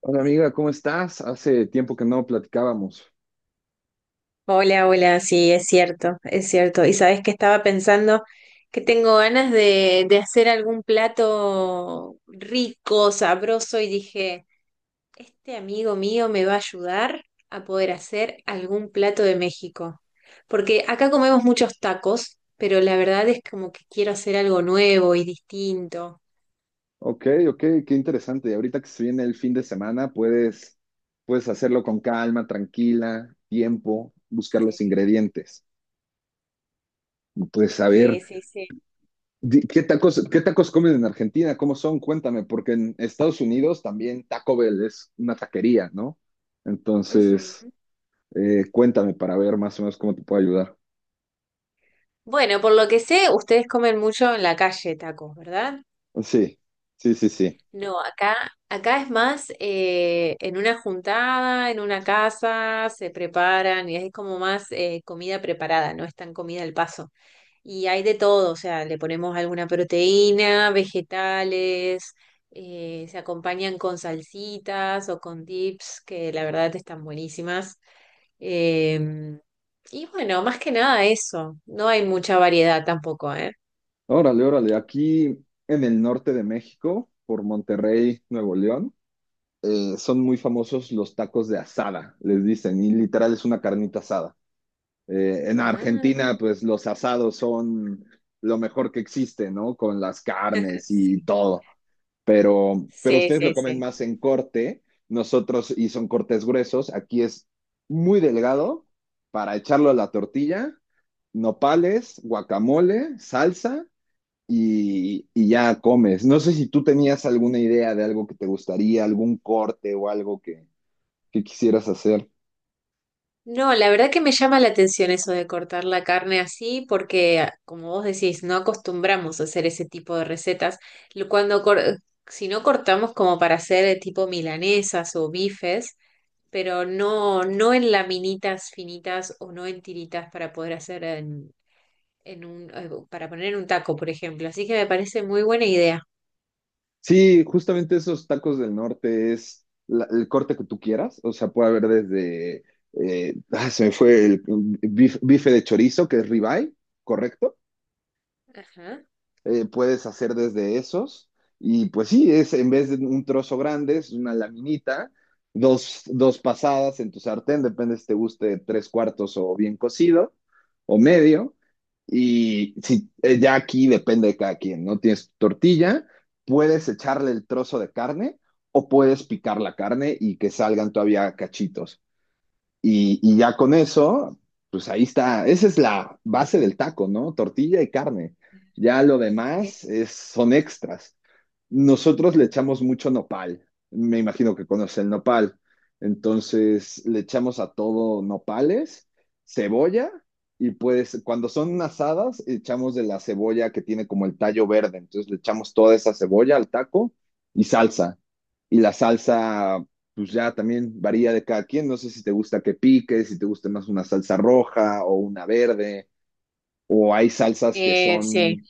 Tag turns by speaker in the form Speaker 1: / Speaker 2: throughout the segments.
Speaker 1: Hola amiga, ¿cómo estás? Hace tiempo que no platicábamos.
Speaker 2: Hola, hola, sí, es cierto, es cierto. Y sabes que estaba pensando que tengo ganas de hacer algún plato rico, sabroso, y dije, este amigo mío me va a ayudar a poder hacer algún plato de México. Porque acá comemos muchos tacos, pero la verdad es como que quiero hacer algo nuevo y distinto.
Speaker 1: Ok, ok, qué interesante. Y ahorita que se viene el fin de semana, puedes hacerlo con calma, tranquila, tiempo, buscar los
Speaker 2: Sí,
Speaker 1: ingredientes. Pues a ver,
Speaker 2: sí, sí, sí.
Speaker 1: qué tacos comen en Argentina? ¿Cómo son? Cuéntame, porque en Estados Unidos también Taco Bell es una taquería, ¿no?
Speaker 2: Ujú.
Speaker 1: Entonces, cuéntame para ver más o menos cómo te puedo ayudar.
Speaker 2: Bueno, por lo que sé, ustedes comen mucho en la calle tacos, ¿verdad?
Speaker 1: Sí, sí, sí, sí.
Speaker 2: No, acá, acá es más en una juntada, en una casa, se preparan y es como más comida preparada, no es tan comida al paso. Y hay de todo, o sea, le ponemos alguna proteína, vegetales, se acompañan con salsitas o con dips, que la verdad están buenísimas. Em, y bueno, más que nada eso, no hay mucha variedad tampoco, ¿eh?
Speaker 1: Órale, órale. Aquí en el norte de México, por Monterrey, Nuevo León, son muy famosos los tacos de asada, les dicen, y literal es una carnita asada. En
Speaker 2: Ah,
Speaker 1: Argentina, pues los asados son lo mejor que existe, ¿no? Con las carnes y
Speaker 2: sí.
Speaker 1: todo. Pero
Speaker 2: Sí,
Speaker 1: ustedes lo
Speaker 2: sí,
Speaker 1: comen
Speaker 2: sí.
Speaker 1: más en corte, nosotros, y son cortes gruesos, aquí es muy delgado para echarlo a la tortilla, nopales, guacamole, salsa y ya comes. No sé si tú tenías alguna idea de algo que te gustaría, algún corte o algo que quisieras hacer.
Speaker 2: No, la verdad que me llama la atención eso de cortar la carne así, porque ah, como vos decís, no acostumbramos a hacer ese tipo de recetas. Lo- Cuando cor- si no cortamos como para hacer tipo milanesas o bifes, pero no, no en laminitas finitas o no en tiritas para poder hacer para poner en un taco, por ejemplo. Así que me parece muy buena idea.
Speaker 1: Sí, justamente esos tacos del norte es el corte que tú quieras. O sea, puede haber desde se me fue el bife de chorizo, que es ribeye, ¿correcto?
Speaker 2: Ajá.
Speaker 1: Eh, puedes hacer desde esos. Y pues sí, es en vez de un trozo grande, es una laminita, dos pasadas en tu sartén, depende si te guste tres cuartos o bien cocido o medio. Y si, ya aquí depende de cada quien, ¿no? Tienes tu tortilla, puedes echarle el trozo de carne o puedes picar la carne y que salgan todavía cachitos. Y ya con eso, pues ahí está. Esa es la base del taco, ¿no? Tortilla y carne. Ya lo
Speaker 2: Sí.
Speaker 1: demás es, son extras. Nosotros le echamos mucho nopal. Me imagino que conoce el nopal. Entonces le echamos a todo nopales, cebolla y pues cuando son asadas echamos de la cebolla que tiene como el tallo verde. Entonces le echamos toda esa cebolla al taco y salsa. Y la salsa, pues ya también varía de cada quien. No sé si te gusta que pique, si te gusta más una salsa roja o una verde, o hay salsas que
Speaker 2: Sí,
Speaker 1: son...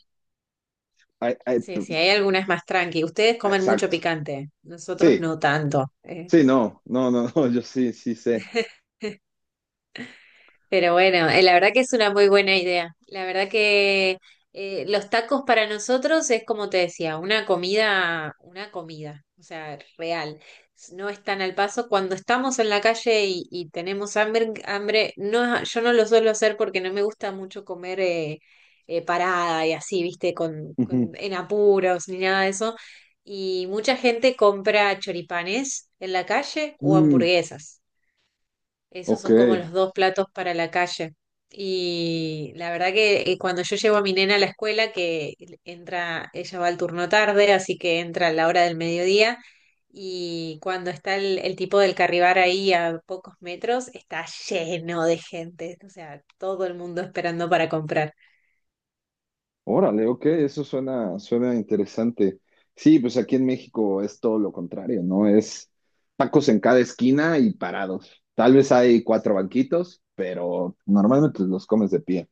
Speaker 1: ay, ay,
Speaker 2: sí,
Speaker 1: p-
Speaker 2: sí, hay algunas más tranqui. Ustedes comen mucho
Speaker 1: exacto.
Speaker 2: picante, nosotros
Speaker 1: Sí,
Speaker 2: no tanto.
Speaker 1: sí, no, no, no, no, yo sí, sí sé.
Speaker 2: Pero bueno, la verdad que es una muy buena idea. La verdad que los tacos para nosotros es como te decía, una comida, o sea, real. No es tan al paso. Cuando estamos en la calle y tenemos hambre, no, yo no lo suelo hacer porque no me gusta mucho comer parada y así, viste,
Speaker 1: Ujú.
Speaker 2: en apuros ni nada de eso. Y mucha gente compra choripanes en la calle o
Speaker 1: Mm,
Speaker 2: hamburguesas. Esos
Speaker 1: ok,
Speaker 2: son como los dos platos para la calle. Y la verdad que cuando yo llevo a mi nena a la escuela, que entra, ella va al turno tarde, así que entra a la hora del mediodía, y cuando está el tipo del Carribar ahí a pocos metros, está lleno de gente, o sea, todo el mundo esperando para comprar.
Speaker 1: órale, ok, eso suena, suena interesante. Sí, pues aquí en México es todo lo contrario, ¿no? Es tacos en cada esquina y parados. Tal vez hay cuatro banquitos, pero normalmente los comes de pie.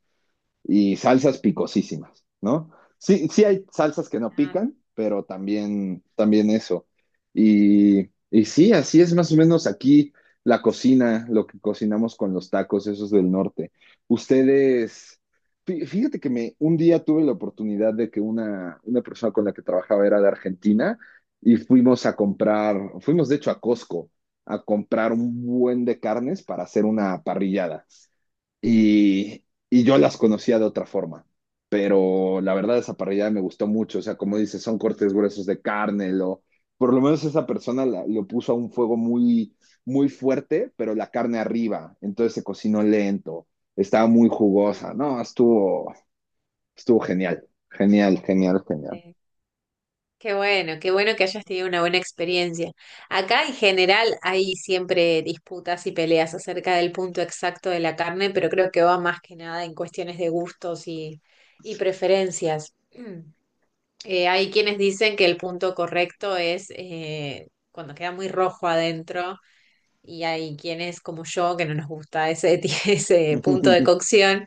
Speaker 1: Y salsas picosísimas, ¿no? Sí, sí hay salsas que no pican, pero también, también eso. Y sí, así es más o menos aquí la cocina, lo que cocinamos con los tacos, esos del norte. Ustedes, fíjate que me, un día tuve la oportunidad de que una persona con la que trabajaba era de Argentina y fuimos a comprar, fuimos de hecho a Costco a comprar un buen de carnes para hacer una parrillada y, y yo las conocía de otra forma. Pero la verdad, esa parrillada me gustó mucho. O sea, como dices, son cortes gruesos de carne, por lo menos esa persona lo puso a un fuego muy fuerte, pero la carne arriba. Entonces se cocinó lento, estaba muy jugosa. No, estuvo, estuvo genial. Genial, genial, genial.
Speaker 2: Claro. Qué bueno que hayas tenido una buena experiencia. Acá en general hay siempre disputas y peleas acerca del punto exacto de la carne, pero creo que va más que nada en cuestiones de gustos y preferencias. Mm. Hay quienes dicen que el punto correcto es cuando queda muy rojo adentro y hay quienes como yo que no nos gusta ese, ese punto de cocción.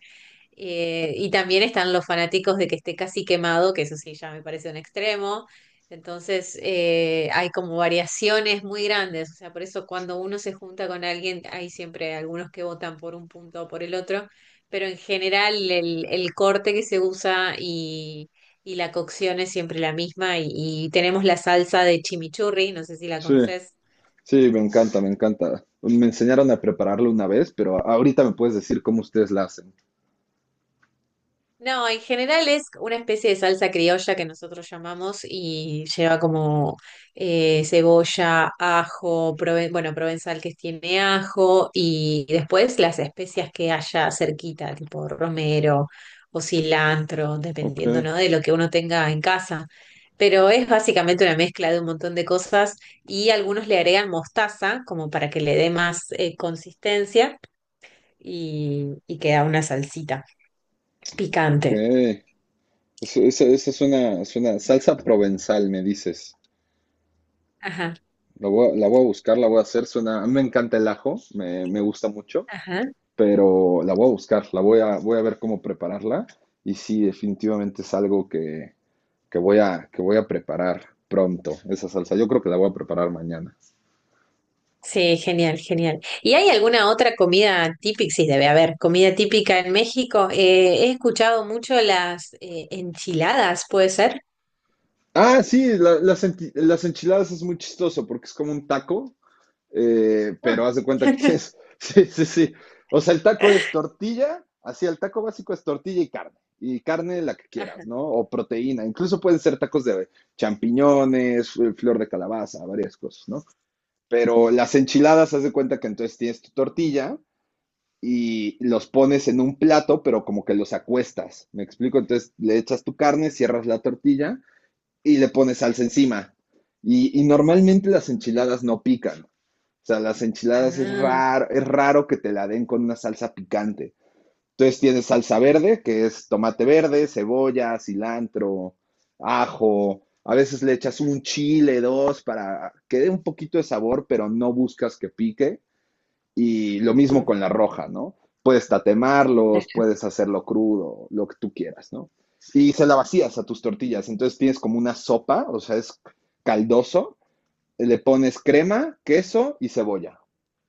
Speaker 2: Y también están los fanáticos de que esté casi quemado, que eso sí ya me parece un extremo. Entonces, hay como variaciones muy grandes. O sea, por eso cuando uno se junta con alguien, hay siempre algunos que votan por un punto o por el otro. Pero en general, el corte que se usa y la cocción es siempre la misma. Y tenemos la salsa de chimichurri, no sé si la
Speaker 1: Sí,
Speaker 2: conoces.
Speaker 1: sí, me encanta, me encanta. Me enseñaron a prepararlo una vez, pero ahorita me puedes decir cómo ustedes la hacen.
Speaker 2: No, en general es una especie de salsa criolla que nosotros llamamos y lleva como cebolla, ajo, bueno, provenzal que tiene ajo y después las especias que haya cerquita, tipo romero o cilantro,
Speaker 1: Ok,
Speaker 2: dependiendo, ¿no?, de lo que uno tenga en casa. Pero es básicamente una mezcla de un montón de cosas y algunos le agregan mostaza como para que le dé más consistencia y queda una salsita
Speaker 1: ok.
Speaker 2: picante.
Speaker 1: Eso suena, suena salsa provenzal, me dices.
Speaker 2: Ajá.
Speaker 1: La voy a buscar, la voy a hacer. Suena, a mí me encanta el ajo, me gusta mucho,
Speaker 2: Ajá.
Speaker 1: pero la voy a buscar, voy a ver cómo prepararla. Y sí, definitivamente es algo que voy a preparar pronto, esa salsa. Yo creo que la voy a preparar mañana.
Speaker 2: Sí, genial, genial. ¿Y hay alguna otra comida típica? Sí, debe haber comida típica en México. He escuchado mucho las enchiladas, ¿puede ser?
Speaker 1: Ah, sí, las enchiladas es muy chistoso porque es como un taco, pero
Speaker 2: Ah.
Speaker 1: haz de cuenta que tienes, sí, sí, sí. O sea, el taco es tortilla, así el taco básico es tortilla y carne la que quieras,
Speaker 2: Ajá.
Speaker 1: ¿no? O proteína, incluso pueden ser tacos de champiñones, flor de calabaza, varias cosas, ¿no? Pero las enchiladas, haz de cuenta que entonces tienes tu tortilla y los pones en un plato, pero como que los acuestas, ¿me explico? Entonces le echas tu carne, cierras la tortilla y le pones salsa encima. Y normalmente las enchiladas no pican. O sea, las enchiladas
Speaker 2: Ah,
Speaker 1: es raro que te la den con una salsa picante. Entonces tienes salsa verde, que es tomate verde, cebolla, cilantro, ajo. A veces le echas un chile, dos, para que dé un poquito de sabor, pero no buscas que pique. Y lo mismo
Speaker 2: ujú.
Speaker 1: con la roja, ¿no? Puedes tatemarlos, puedes hacerlo crudo, lo que tú quieras, ¿no? Y se la vacías a tus tortillas, entonces tienes como una sopa, o sea, es caldoso, le pones crema, queso y cebolla.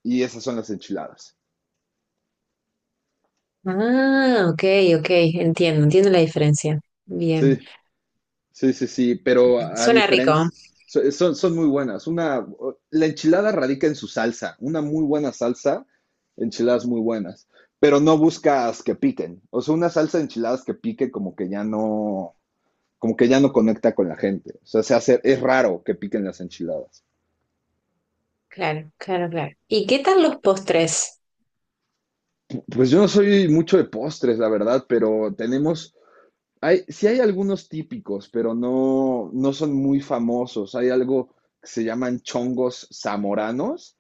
Speaker 1: Y esas son las enchiladas.
Speaker 2: Ah, ok, ok, entiendo, entiendo la diferencia. Bien.
Speaker 1: Sí. Sí, sí, sí, pero a,
Speaker 2: Suena rico. ¿Eh?
Speaker 1: diferencia, son, son muy buenas. Una, la enchilada radica en su salsa, una muy buena salsa, enchiladas muy buenas, pero no buscas que piquen. O sea, una salsa de enchiladas que pique como que ya no, como que ya no conecta con la gente. O sea, se hace, es raro que piquen las enchiladas.
Speaker 2: Claro, claro, claro. ¿Y qué tal los postres?
Speaker 1: Pues yo no soy mucho de postres, la verdad, pero tenemos, hay, sí hay algunos típicos, pero no, no son muy famosos. Hay algo que se llaman chongos zamoranos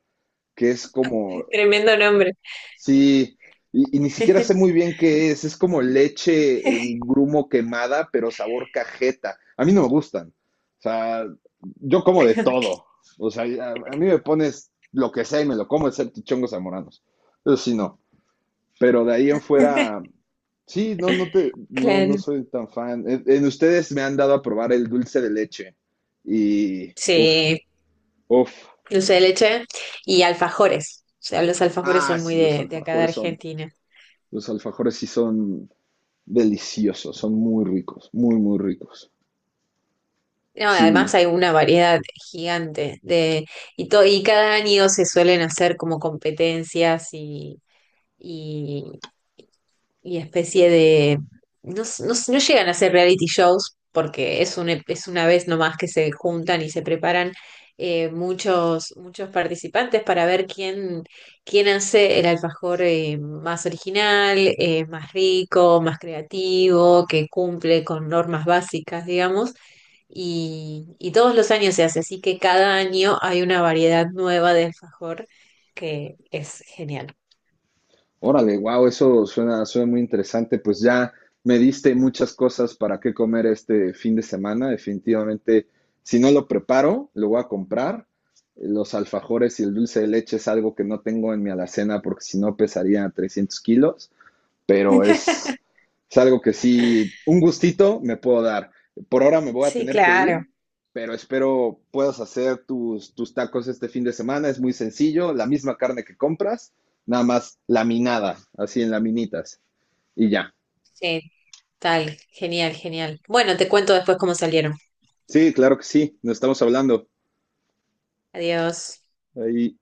Speaker 1: que es como,
Speaker 2: Tremendo nombre.
Speaker 1: sí, ni siquiera sé muy bien qué es como leche en grumo quemada, pero sabor cajeta. A mí no me gustan. O sea, yo como de todo. O sea, a mí me pones lo que sea y me lo como, excepto chongos zamoranos. Eso sí, no. Pero de ahí en fuera, sí, no, no
Speaker 2: Claro.
Speaker 1: soy tan fan. En ustedes me han dado a probar el dulce de leche. Uff,
Speaker 2: Sí,
Speaker 1: uff.
Speaker 2: dulce de leche y alfajores. O sea, los alfajores
Speaker 1: Ah,
Speaker 2: son muy
Speaker 1: sí, los
Speaker 2: de acá de
Speaker 1: alfajores son.
Speaker 2: Argentina.
Speaker 1: Los alfajores sí son deliciosos, son muy ricos, muy, muy ricos.
Speaker 2: No,
Speaker 1: Sí,
Speaker 2: además hay una variedad gigante y, y cada año se suelen hacer como competencias y, y especie de... No llegan a ser reality shows porque es, es una vez nomás que se juntan y se preparan muchos participantes para ver quién, quién hace el alfajor más original, más rico, más creativo, que cumple con normas básicas, digamos. Y todos los años se hace, así que cada año hay una variedad nueva de alfajor que es genial.
Speaker 1: órale, wow, eso suena, suena muy interesante. Pues ya me diste muchas cosas para qué comer este fin de semana. Definitivamente, si no lo preparo, lo voy a comprar. Los alfajores y el dulce de leche es algo que no tengo en mi alacena porque si no pesaría 300 kilos. Pero es algo que sí, un gustito me puedo dar. Por ahora me voy a
Speaker 2: Sí,
Speaker 1: tener que ir,
Speaker 2: claro.
Speaker 1: pero espero puedas hacer tus, tus tacos este fin de semana. Es muy sencillo, la misma carne que compras, nada más laminada, así en laminitas y ya.
Speaker 2: Sí, tal, genial, genial. Bueno, te cuento después cómo salieron.
Speaker 1: Sí, claro que sí, nos estamos hablando.
Speaker 2: Adiós.
Speaker 1: Ahí.